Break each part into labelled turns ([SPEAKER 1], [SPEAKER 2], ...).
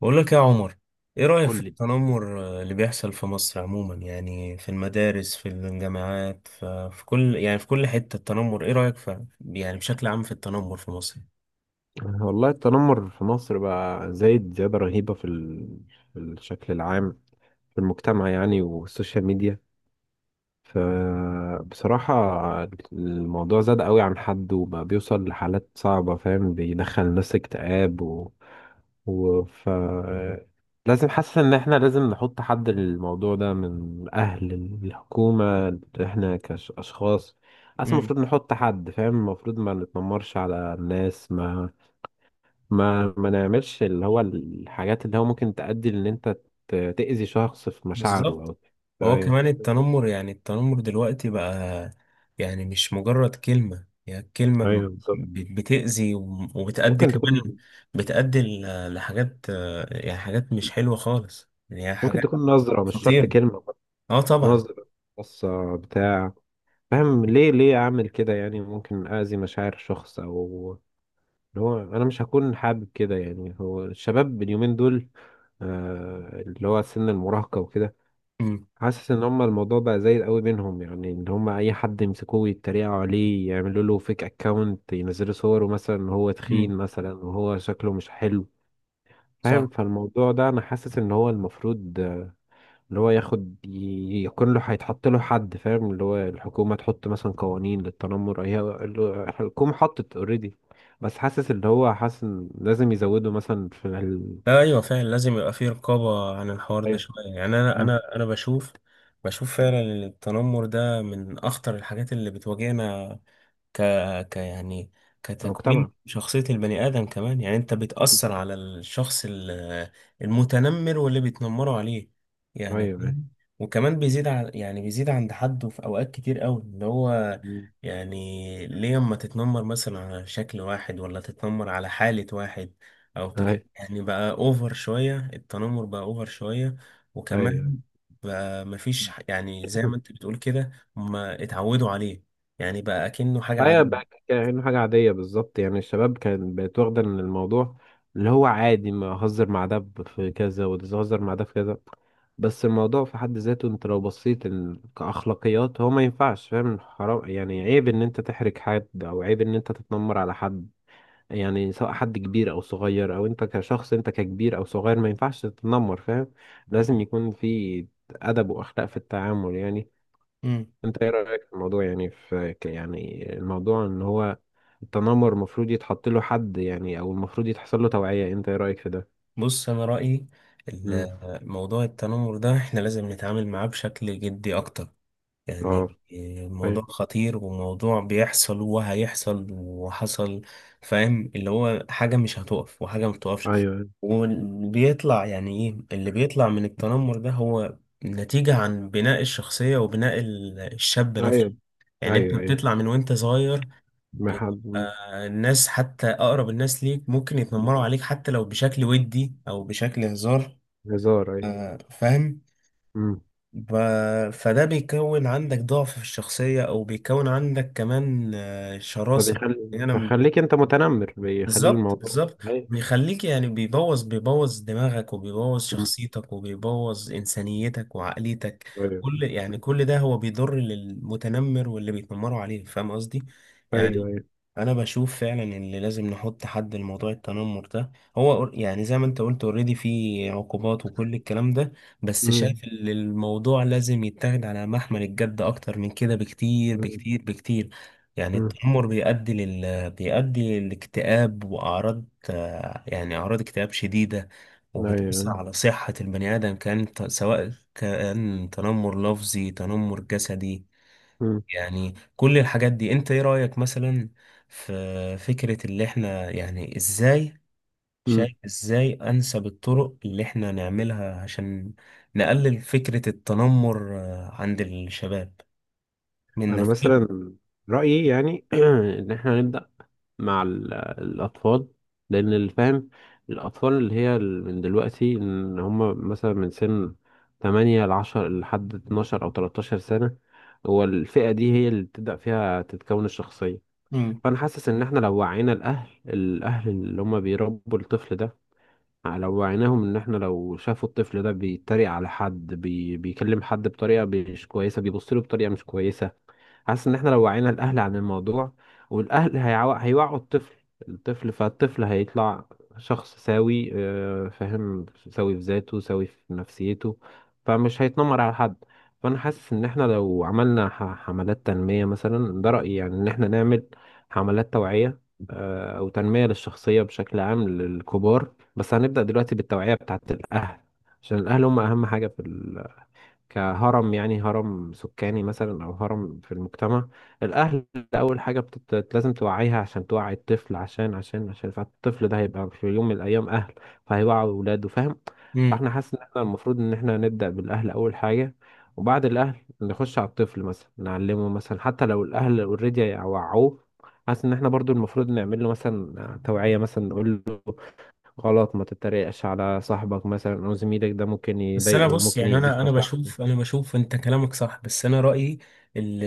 [SPEAKER 1] بقول لك يا عمر. ايه رأيك في
[SPEAKER 2] قول لي.
[SPEAKER 1] التنمر، اللي بيحصل في مصر عموما، يعني في المدارس، في الجامعات، في كل، يعني في كل حتة التنمر؟ ايه رأيك، في يعني بشكل عام، في التنمر في مصر؟
[SPEAKER 2] والله التنمر في مصر بقى زايد زيادة رهيبة في الشكل العام، في المجتمع يعني، والسوشيال ميديا. فبصراحة الموضوع زاد قوي عن حد، وبقى بيوصل لحالات صعبة. فاهم؟ بيدخل الناس اكتئاب و... و... ف لازم. حاسس ان احنا لازم نحط حد للموضوع ده من الاهل، الحكومة، احنا كاشخاص. اصلا
[SPEAKER 1] امم
[SPEAKER 2] المفروض نحط حد. فاهم؟ المفروض ما نتنمرش على الناس، ما نعملش اللي هو الحاجات اللي هو ممكن تؤدي ان انت تأذي شخص في مشاعره
[SPEAKER 1] بالظبط.
[SPEAKER 2] او...
[SPEAKER 1] هو
[SPEAKER 2] ايوه،
[SPEAKER 1] كمان التنمر، يعني التنمر دلوقتي بقى، يعني مش مجرد كلمة، يعني الكلمة
[SPEAKER 2] ايوه، بالظبط.
[SPEAKER 1] بتأذي، وبتأدي
[SPEAKER 2] ممكن
[SPEAKER 1] كمان،
[SPEAKER 2] تكون
[SPEAKER 1] بتأدي لحاجات، يعني حاجات مش حلوة خالص، يعني
[SPEAKER 2] ممكن
[SPEAKER 1] حاجات
[SPEAKER 2] تكون نظرة، مش شرط
[SPEAKER 1] خطيرة.
[SPEAKER 2] كلمة.
[SPEAKER 1] اه طبعا.
[SPEAKER 2] نظرة، بصة، بتاع. فاهم؟ ليه اعمل كده؟ يعني ممكن اذي مشاعر شخص، او اللي هو انا مش هكون حابب كده. يعني هو الشباب اليومين دول، اللي هو سن المراهقة وكده،
[SPEAKER 1] امم
[SPEAKER 2] حاسس ان هما الموضوع بقى زي قوي بينهم. يعني ان هما اي حد يمسكوه يتريقوا عليه، يعملوا له فيك اكونت، ينزلوا صوره مثلا إن هو
[SPEAKER 1] امم
[SPEAKER 2] تخين مثلا، وهو شكله مش حلو. فاهم؟
[SPEAKER 1] صح.
[SPEAKER 2] فالموضوع ده انا حاسس ان هو المفروض اللي هو ياخد يكون له، هيتحط له حد. فاهم؟ اللي هو الحكومة تحط مثلا قوانين للتنمر. هي الحكومة حطت اوريدي، بس حاسس اللي هو حاسس إن لازم يزودوا مثلا
[SPEAKER 1] ايوه، فعلا لازم يبقى في رقابه عن الحوار ده
[SPEAKER 2] أيوة.
[SPEAKER 1] شويه، يعني انا
[SPEAKER 2] مم.
[SPEAKER 1] انا انا بشوف، فعلا إن التنمر ده من اخطر الحاجات اللي بتواجهنا، ك... ك يعني كتكوين
[SPEAKER 2] المجتمع.
[SPEAKER 1] شخصية البني آدم كمان، يعني أنت بتأثر على الشخص المتنمر واللي بيتنمروا عليه،
[SPEAKER 2] ايوه،
[SPEAKER 1] يعني
[SPEAKER 2] ايوه.
[SPEAKER 1] فاهم؟ وكمان بيزيد، يعني بيزيد عند حده في أوقات كتير أوي، اللي هو
[SPEAKER 2] مم.
[SPEAKER 1] يعني ليه أما تتنمر مثلا على شكل واحد، ولا تتنمر على حالة واحد، أو
[SPEAKER 2] ايوه،
[SPEAKER 1] يعني بقى أوفر شوية، التنمر بقى أوفر شوية. وكمان بقى مفيش، يعني زي ما
[SPEAKER 2] ايوه،
[SPEAKER 1] أنت بتقول كده، هما اتعودوا عليه، يعني بقى كأنه حاجة
[SPEAKER 2] ايوه بقى
[SPEAKER 1] عادية.
[SPEAKER 2] كأنه حاجة عادية بالظبط. يعني الشباب كان بقت واخدة ان الموضوع اللي هو عادي، ما اهزر مع ده في كذا، وتهزر مع ده في كذا. بس الموضوع في حد ذاته، انت لو بصيت كأخلاقيات، هو ما ينفعش. فاهم؟ حرام. يعني عيب ان انت تحرج حد، او عيب ان انت تتنمر على حد. يعني سواء حد كبير او صغير، او انت كشخص، انت ككبير او صغير، ما ينفعش تتنمر. فاهم؟ لازم يكون في ادب واخلاق في التعامل يعني.
[SPEAKER 1] امم
[SPEAKER 2] انت ايه رأيك في الموضوع؟ يعني يعني الموضوع ان هو التنمر المفروض يتحط له حد يعني، او المفروض يتحصل له توعية. انت ايه رأيك في ده؟
[SPEAKER 1] بص، أنا رأيي
[SPEAKER 2] امم.
[SPEAKER 1] موضوع التنمر ده إحنا لازم نتعامل معاه بشكل جدي أكتر،
[SPEAKER 2] اه.
[SPEAKER 1] يعني الموضوع
[SPEAKER 2] طيب.
[SPEAKER 1] خطير، وموضوع بيحصل وهيحصل وحصل، فاهم اللي هو حاجة مش هتقف وحاجة ما بتقفش.
[SPEAKER 2] ايوه،
[SPEAKER 1] وبيطلع، يعني إيه اللي بيطلع من التنمر ده؟ هو نتيجة عن بناء الشخصية وبناء الشاب نفسه،
[SPEAKER 2] ايوه،
[SPEAKER 1] يعني أنت
[SPEAKER 2] ايوه، ايوه.
[SPEAKER 1] بتطلع من وأنت صغير
[SPEAKER 2] ما حد.
[SPEAKER 1] بتبقى،
[SPEAKER 2] مم.
[SPEAKER 1] الناس حتى أقرب الناس ليك ممكن يتنمروا عليك، حتى لو بشكل ودي أو بشكل هزار،
[SPEAKER 2] هزار. ايوه.
[SPEAKER 1] فاهم.
[SPEAKER 2] امم.
[SPEAKER 1] ب... فده بيكون عندك ضعف في الشخصية، أو بيكون عندك كمان شراسة،
[SPEAKER 2] فبيخلي
[SPEAKER 1] يعني أنا
[SPEAKER 2] بيخليك انت متنمر، بيخلي
[SPEAKER 1] بالظبط
[SPEAKER 2] الموضوع.
[SPEAKER 1] بالظبط.
[SPEAKER 2] ايوه.
[SPEAKER 1] بيخليك، يعني بيبوظ، دماغك، وبيبوظ
[SPEAKER 2] مم.
[SPEAKER 1] شخصيتك، وبيبوظ إنسانيتك وعقليتك.
[SPEAKER 2] ايوه،
[SPEAKER 1] كل، يعني كل ده هو بيضر للمتنمر واللي بيتنمروا عليه، فاهم قصدي؟
[SPEAKER 2] ايوه،
[SPEAKER 1] يعني
[SPEAKER 2] ايوه.
[SPEAKER 1] انا بشوف فعلا ان لازم نحط حد لموضوع التنمر ده، هو يعني زي ما انت قلت، اوريدي في عقوبات وكل الكلام ده، بس
[SPEAKER 2] امم.
[SPEAKER 1] شايف ان الموضوع لازم يتاخد على محمل الجد اكتر من كده بكتير
[SPEAKER 2] امم.
[SPEAKER 1] بكتير بكتير. يعني التنمر بيؤدي لل بيؤدي للاكتئاب واعراض، يعني اعراض اكتئاب شديدة،
[SPEAKER 2] ايوه.
[SPEAKER 1] وبتأثر على صحة البني آدم، سواء كان تنمر لفظي، تنمر جسدي، يعني كل الحاجات دي. انت ايه رأيك مثلا في فكرة اللي احنا، يعني ازاي
[SPEAKER 2] مم.
[SPEAKER 1] شايف، ازاي انسب الطرق اللي احنا نعملها عشان نقلل فكرة التنمر، عند الشباب من
[SPEAKER 2] انا
[SPEAKER 1] نفسهم؟
[SPEAKER 2] مثلا رايي يعني، ان احنا نبدا مع الاطفال، لان اللي فاهم الاطفال من دلوقتي ان هم مثلا من سن 8 ل 10 لحد 12 او 13 سنه، هو الفئه دي هي اللي بتبدا فيها تتكون الشخصيه. فانا حاسس ان احنا لو وعينا الاهل اللي هم بيربوا الطفل ده، لو وعيناهم ان احنا لو شافوا الطفل ده بيتريق على حد، بيكلم حد بطريقه مش كويسه، بيبص له بطريقه مش كويسه. حاسس ان احنا لو وعينا الاهل عن الموضوع، والاهل هيوعوا الطفل. فالطفل هيطلع شخص سوي. فاهم؟ سوي في ذاته، سوي في نفسيته، فمش هيتنمر على حد. فانا حاسس ان احنا لو عملنا حملات تنمية مثلا. ده رأيي، يعني ان احنا نعمل حملات توعية، او تنمية للشخصية بشكل عام للكبار. بس هنبدأ دلوقتي بالتوعية بتاعت الأهل، عشان الأهل هم أهم حاجة كهرم، يعني هرم سكاني مثلا، أو هرم في المجتمع. الأهل أول حاجة لازم توعيها عشان توعي الطفل، عشان فالطفل ده هيبقى في يوم من الأيام أهل، فهيوعي ولاده. فاهم؟
[SPEAKER 1] مم.
[SPEAKER 2] فاحنا حاسس إن احنا المفروض إن احنا نبدأ بالأهل أول حاجة، وبعد الأهل نخش على الطفل مثلا، نعلمه مثلا. حتى لو الأهل أوريدي وعوه، حاسس إن احنا برضو المفروض نعمل له مثلا توعية مثلا. نقول غلط، ما تتريقش على صاحبك مثلا او زميلك، ده ممكن
[SPEAKER 1] بس انا
[SPEAKER 2] يضايقه
[SPEAKER 1] بص،
[SPEAKER 2] وممكن
[SPEAKER 1] يعني
[SPEAKER 2] يأذيه
[SPEAKER 1] انا
[SPEAKER 2] في
[SPEAKER 1] انا
[SPEAKER 2] مشاعره.
[SPEAKER 1] بشوف انا بشوف انت كلامك صح، بس انا رايي ال-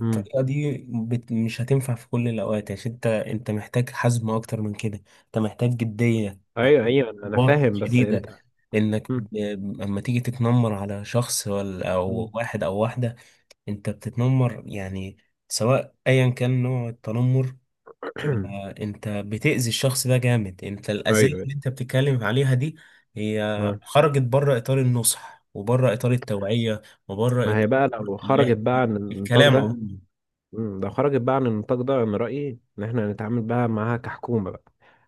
[SPEAKER 2] امم.
[SPEAKER 1] دي مش هتنفع في كل الاوقات، عشان انت محتاج حزم اكتر من كده، انت محتاج جديه،
[SPEAKER 2] ايوه،
[SPEAKER 1] محتاج
[SPEAKER 2] ايوه، انا
[SPEAKER 1] ضباط
[SPEAKER 2] فاهم، بس
[SPEAKER 1] شديده،
[SPEAKER 2] انت...
[SPEAKER 1] انك
[SPEAKER 2] مم.
[SPEAKER 1] اما تيجي تتنمر على شخص، ولا او
[SPEAKER 2] مم.
[SPEAKER 1] واحد او واحده، انت بتتنمر، يعني سواء ايا كان نوع التنمر، انت بتأذي الشخص ده جامد. انت
[SPEAKER 2] ايوه،
[SPEAKER 1] الأذية، مم،
[SPEAKER 2] ايوه.
[SPEAKER 1] اللي انت بتتكلم عليها دي هي
[SPEAKER 2] آه.
[SPEAKER 1] خرجت بره إطار النصح، وبره إطار التوعية، وبره
[SPEAKER 2] ما هي
[SPEAKER 1] إطار
[SPEAKER 2] بقى لو
[SPEAKER 1] اللي
[SPEAKER 2] خرجت
[SPEAKER 1] احنا
[SPEAKER 2] بقى عن النطاق
[SPEAKER 1] الكلام
[SPEAKER 2] ده...
[SPEAKER 1] عموما.
[SPEAKER 2] مم. لو خرجت بقى عن النطاق ده، انا رأيي ان احنا نتعامل بقى معاها كحكومة بقى.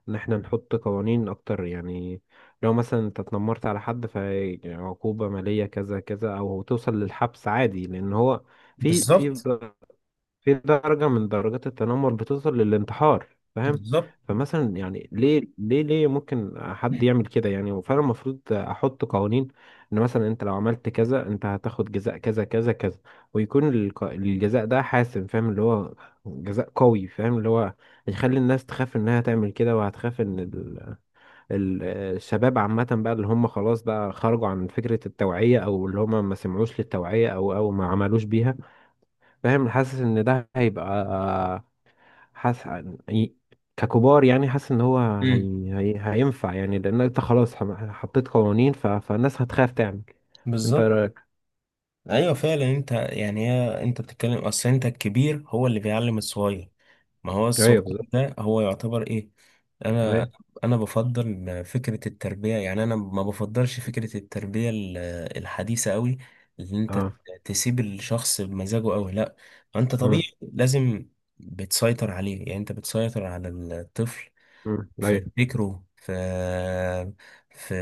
[SPEAKER 2] ان احنا نحط قوانين اكتر يعني. لو مثلا انت اتنمرت على حد، فعقوبة مالية كذا كذا، او توصل للحبس عادي. لان هو في في
[SPEAKER 1] بالظبط
[SPEAKER 2] في درجة من درجات التنمر بتوصل للانتحار. فاهم؟
[SPEAKER 1] بالظبط.
[SPEAKER 2] فمثلا يعني ليه ممكن حد يعمل كده يعني؟ وفعلا المفروض احط قوانين، ان مثلا انت لو عملت كذا، انت هتاخد جزاء كذا كذا كذا. ويكون الجزاء ده حاسم. فاهم؟ اللي هو جزاء قوي. فاهم؟ اللي هو هيخلي الناس تخاف انها تعمل كده، وهتخاف ان ال- الشباب عامة بقى اللي هم خلاص بقى خرجوا عن فكرة التوعية، او اللي هم ما سمعوش للتوعية، او ما عملوش بيها. فاهم؟ حاسس ان ده هيبقى. حاسس ي- ككبار يعني. حاسس ان هو
[SPEAKER 1] مم.
[SPEAKER 2] هينفع. يعني لان انت خلاص حطيت قوانين، فالناس هتخاف تعمل. انت إيه
[SPEAKER 1] بالظبط.
[SPEAKER 2] رايك؟
[SPEAKER 1] ايوه فعلا، انت يعني هي انت بتتكلم، اصل انت الكبير هو اللي بيعلم الصغير، ما هو الصغير
[SPEAKER 2] ايوه، بالظبط،
[SPEAKER 1] ده هو يعتبر ايه؟ انا
[SPEAKER 2] ايوه.
[SPEAKER 1] انا بفضل فكره التربيه، يعني انا ما بفضلش فكره التربيه الحديثه قوي، اللي انت
[SPEAKER 2] اه.
[SPEAKER 1] تسيب الشخص بمزاجه قوي، لا، انت طبيعي
[SPEAKER 2] امم.
[SPEAKER 1] لازم بتسيطر عليه، يعني انت بتسيطر على الطفل
[SPEAKER 2] امم.
[SPEAKER 1] في
[SPEAKER 2] ايوه.
[SPEAKER 1] فكره، في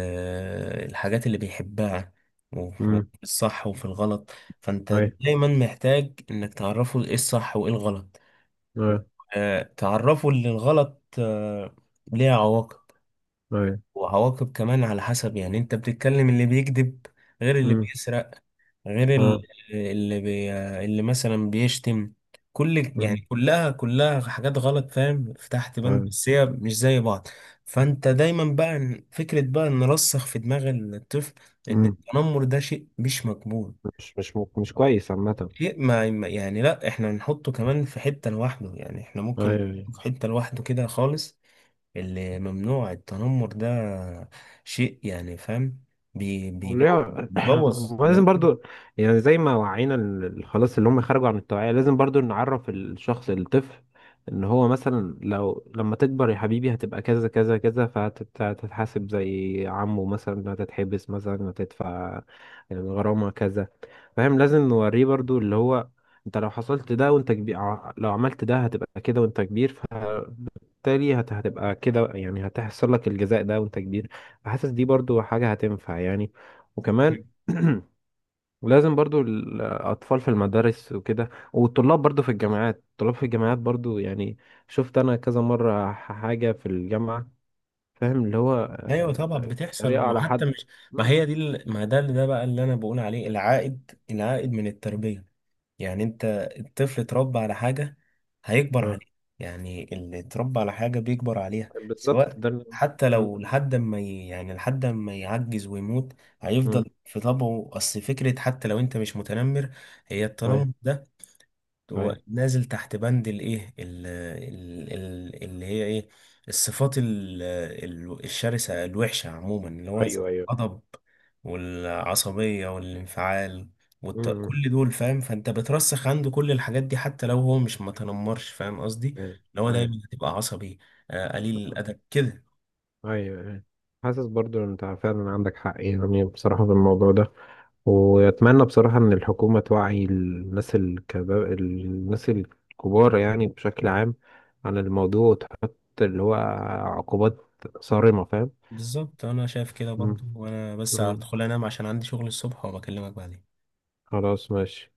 [SPEAKER 1] الحاجات اللي بيحبها، وفي
[SPEAKER 2] امم.
[SPEAKER 1] الصح وفي الغلط. فانت
[SPEAKER 2] ايوه،
[SPEAKER 1] دايما محتاج انك تعرفه ايه الصح وايه الغلط،
[SPEAKER 2] ايوه،
[SPEAKER 1] تعرفه ان الغلط، ليه عواقب.
[SPEAKER 2] ايوه.
[SPEAKER 1] وعواقب كمان على حسب، يعني انت بتتكلم اللي بيكذب غير اللي
[SPEAKER 2] امم.
[SPEAKER 1] بيسرق غير
[SPEAKER 2] اه.
[SPEAKER 1] اللي بي اللي مثلا بيشتم، كل، يعني
[SPEAKER 2] امم.
[SPEAKER 1] كلها كلها حاجات غلط، فاهم فتحت بند،
[SPEAKER 2] ايوه.
[SPEAKER 1] بس هي مش زي بعض. فانت دايما بقى، فكرة بقى نرسخ في دماغ الطفل ان
[SPEAKER 2] امم.
[SPEAKER 1] التنمر ده شيء مش مقبول،
[SPEAKER 2] مش كويس عامة.
[SPEAKER 1] شيء يعني لا، احنا نحطه كمان في حتة لوحده، يعني احنا ممكن
[SPEAKER 2] ايوه.
[SPEAKER 1] نحطه في حتة لوحده كده خالص، اللي ممنوع، التنمر ده شيء يعني، فاهم، بيبوظ
[SPEAKER 2] وليه-
[SPEAKER 1] بيبوظ.
[SPEAKER 2] ولازم برضو، يعني زي ما وعينا خلاص اللي هم خرجوا عن التوعية، لازم برضو نعرف الشخص الطفل ان هو مثلا، لو لما تكبر يا حبيبي هتبقى كذا كذا كذا، فهتتحاسب زي عمه مثلا. هتتحبس مثلا، هتدفع الغرامة كذا. فاهم؟ لازم نوريه برضو اللي هو انت لو حصلت ده وانت كبير، لو عملت ده هتبقى كده وانت كبير. بالتالي هتبقى كده يعني. هتحصل لك الجزاء ده وانت كبير. حاسس دي برضو حاجة هتنفع يعني.
[SPEAKER 1] لا.
[SPEAKER 2] وكمان لازم برضو الأطفال في المدارس وكده، والطلاب برضو في الجامعات. الطلاب في الجامعات برضو يعني، شفت أنا كذا مرة حاجة في الجامعة. فاهم؟ اللي هو
[SPEAKER 1] ايوه طبعا
[SPEAKER 2] طريقة
[SPEAKER 1] بتحصل،
[SPEAKER 2] على
[SPEAKER 1] وحتى
[SPEAKER 2] حد.
[SPEAKER 1] مش، ما
[SPEAKER 2] مم.
[SPEAKER 1] هي دي ما ده، اللي ده بقى اللي انا بقول عليه العائد، من التربيه، يعني انت الطفل اتربى على حاجه هيكبر
[SPEAKER 2] آه،
[SPEAKER 1] عليها، يعني اللي اتربى على حاجه بيكبر عليها
[SPEAKER 2] بالظبط.
[SPEAKER 1] سواء،
[SPEAKER 2] ده
[SPEAKER 1] حتى
[SPEAKER 2] مم.
[SPEAKER 1] لو لحد ما يعني لحد ما يعجز ويموت،
[SPEAKER 2] مم.
[SPEAKER 1] هيفضل في طبعه. اصل فكره، حتى لو انت مش متنمر، هي
[SPEAKER 2] أيوه،
[SPEAKER 1] التنمر ده هو
[SPEAKER 2] أيوه،
[SPEAKER 1] نازل تحت بند الايه، اللي هي ايه، الصفات الشرسة الوحشة عموما، اللي هو زي
[SPEAKER 2] أيوه، أيوه.
[SPEAKER 1] الغضب والعصبية والانفعال
[SPEAKER 2] مم.
[SPEAKER 1] كل دول، فاهم، فانت بترسخ عنده كل الحاجات دي حتى لو هو مش متنمرش، فاهم قصدي؟
[SPEAKER 2] أيوه،
[SPEAKER 1] اللي هو
[SPEAKER 2] أيوه،
[SPEAKER 1] دايما هتبقى عصبي، قليل الادب كده.
[SPEAKER 2] ايوه، أيوة. حاسس برضو ان انت فعلا عندك حق يعني، بصراحة في الموضوع ده. واتمنى بصراحة ان الحكومة توعي الناس الكبار، الناس الكبار يعني بشكل عام، عن الموضوع، وتحط اللي هو عقوبات صارمة. فاهم؟
[SPEAKER 1] بالظبط، انا شايف كده برضو،
[SPEAKER 2] مم.
[SPEAKER 1] وانا بس
[SPEAKER 2] مم.
[SPEAKER 1] هدخل انام عشان عندي شغل الصبح، وبكلمك بعدين.
[SPEAKER 2] خلاص ماشي.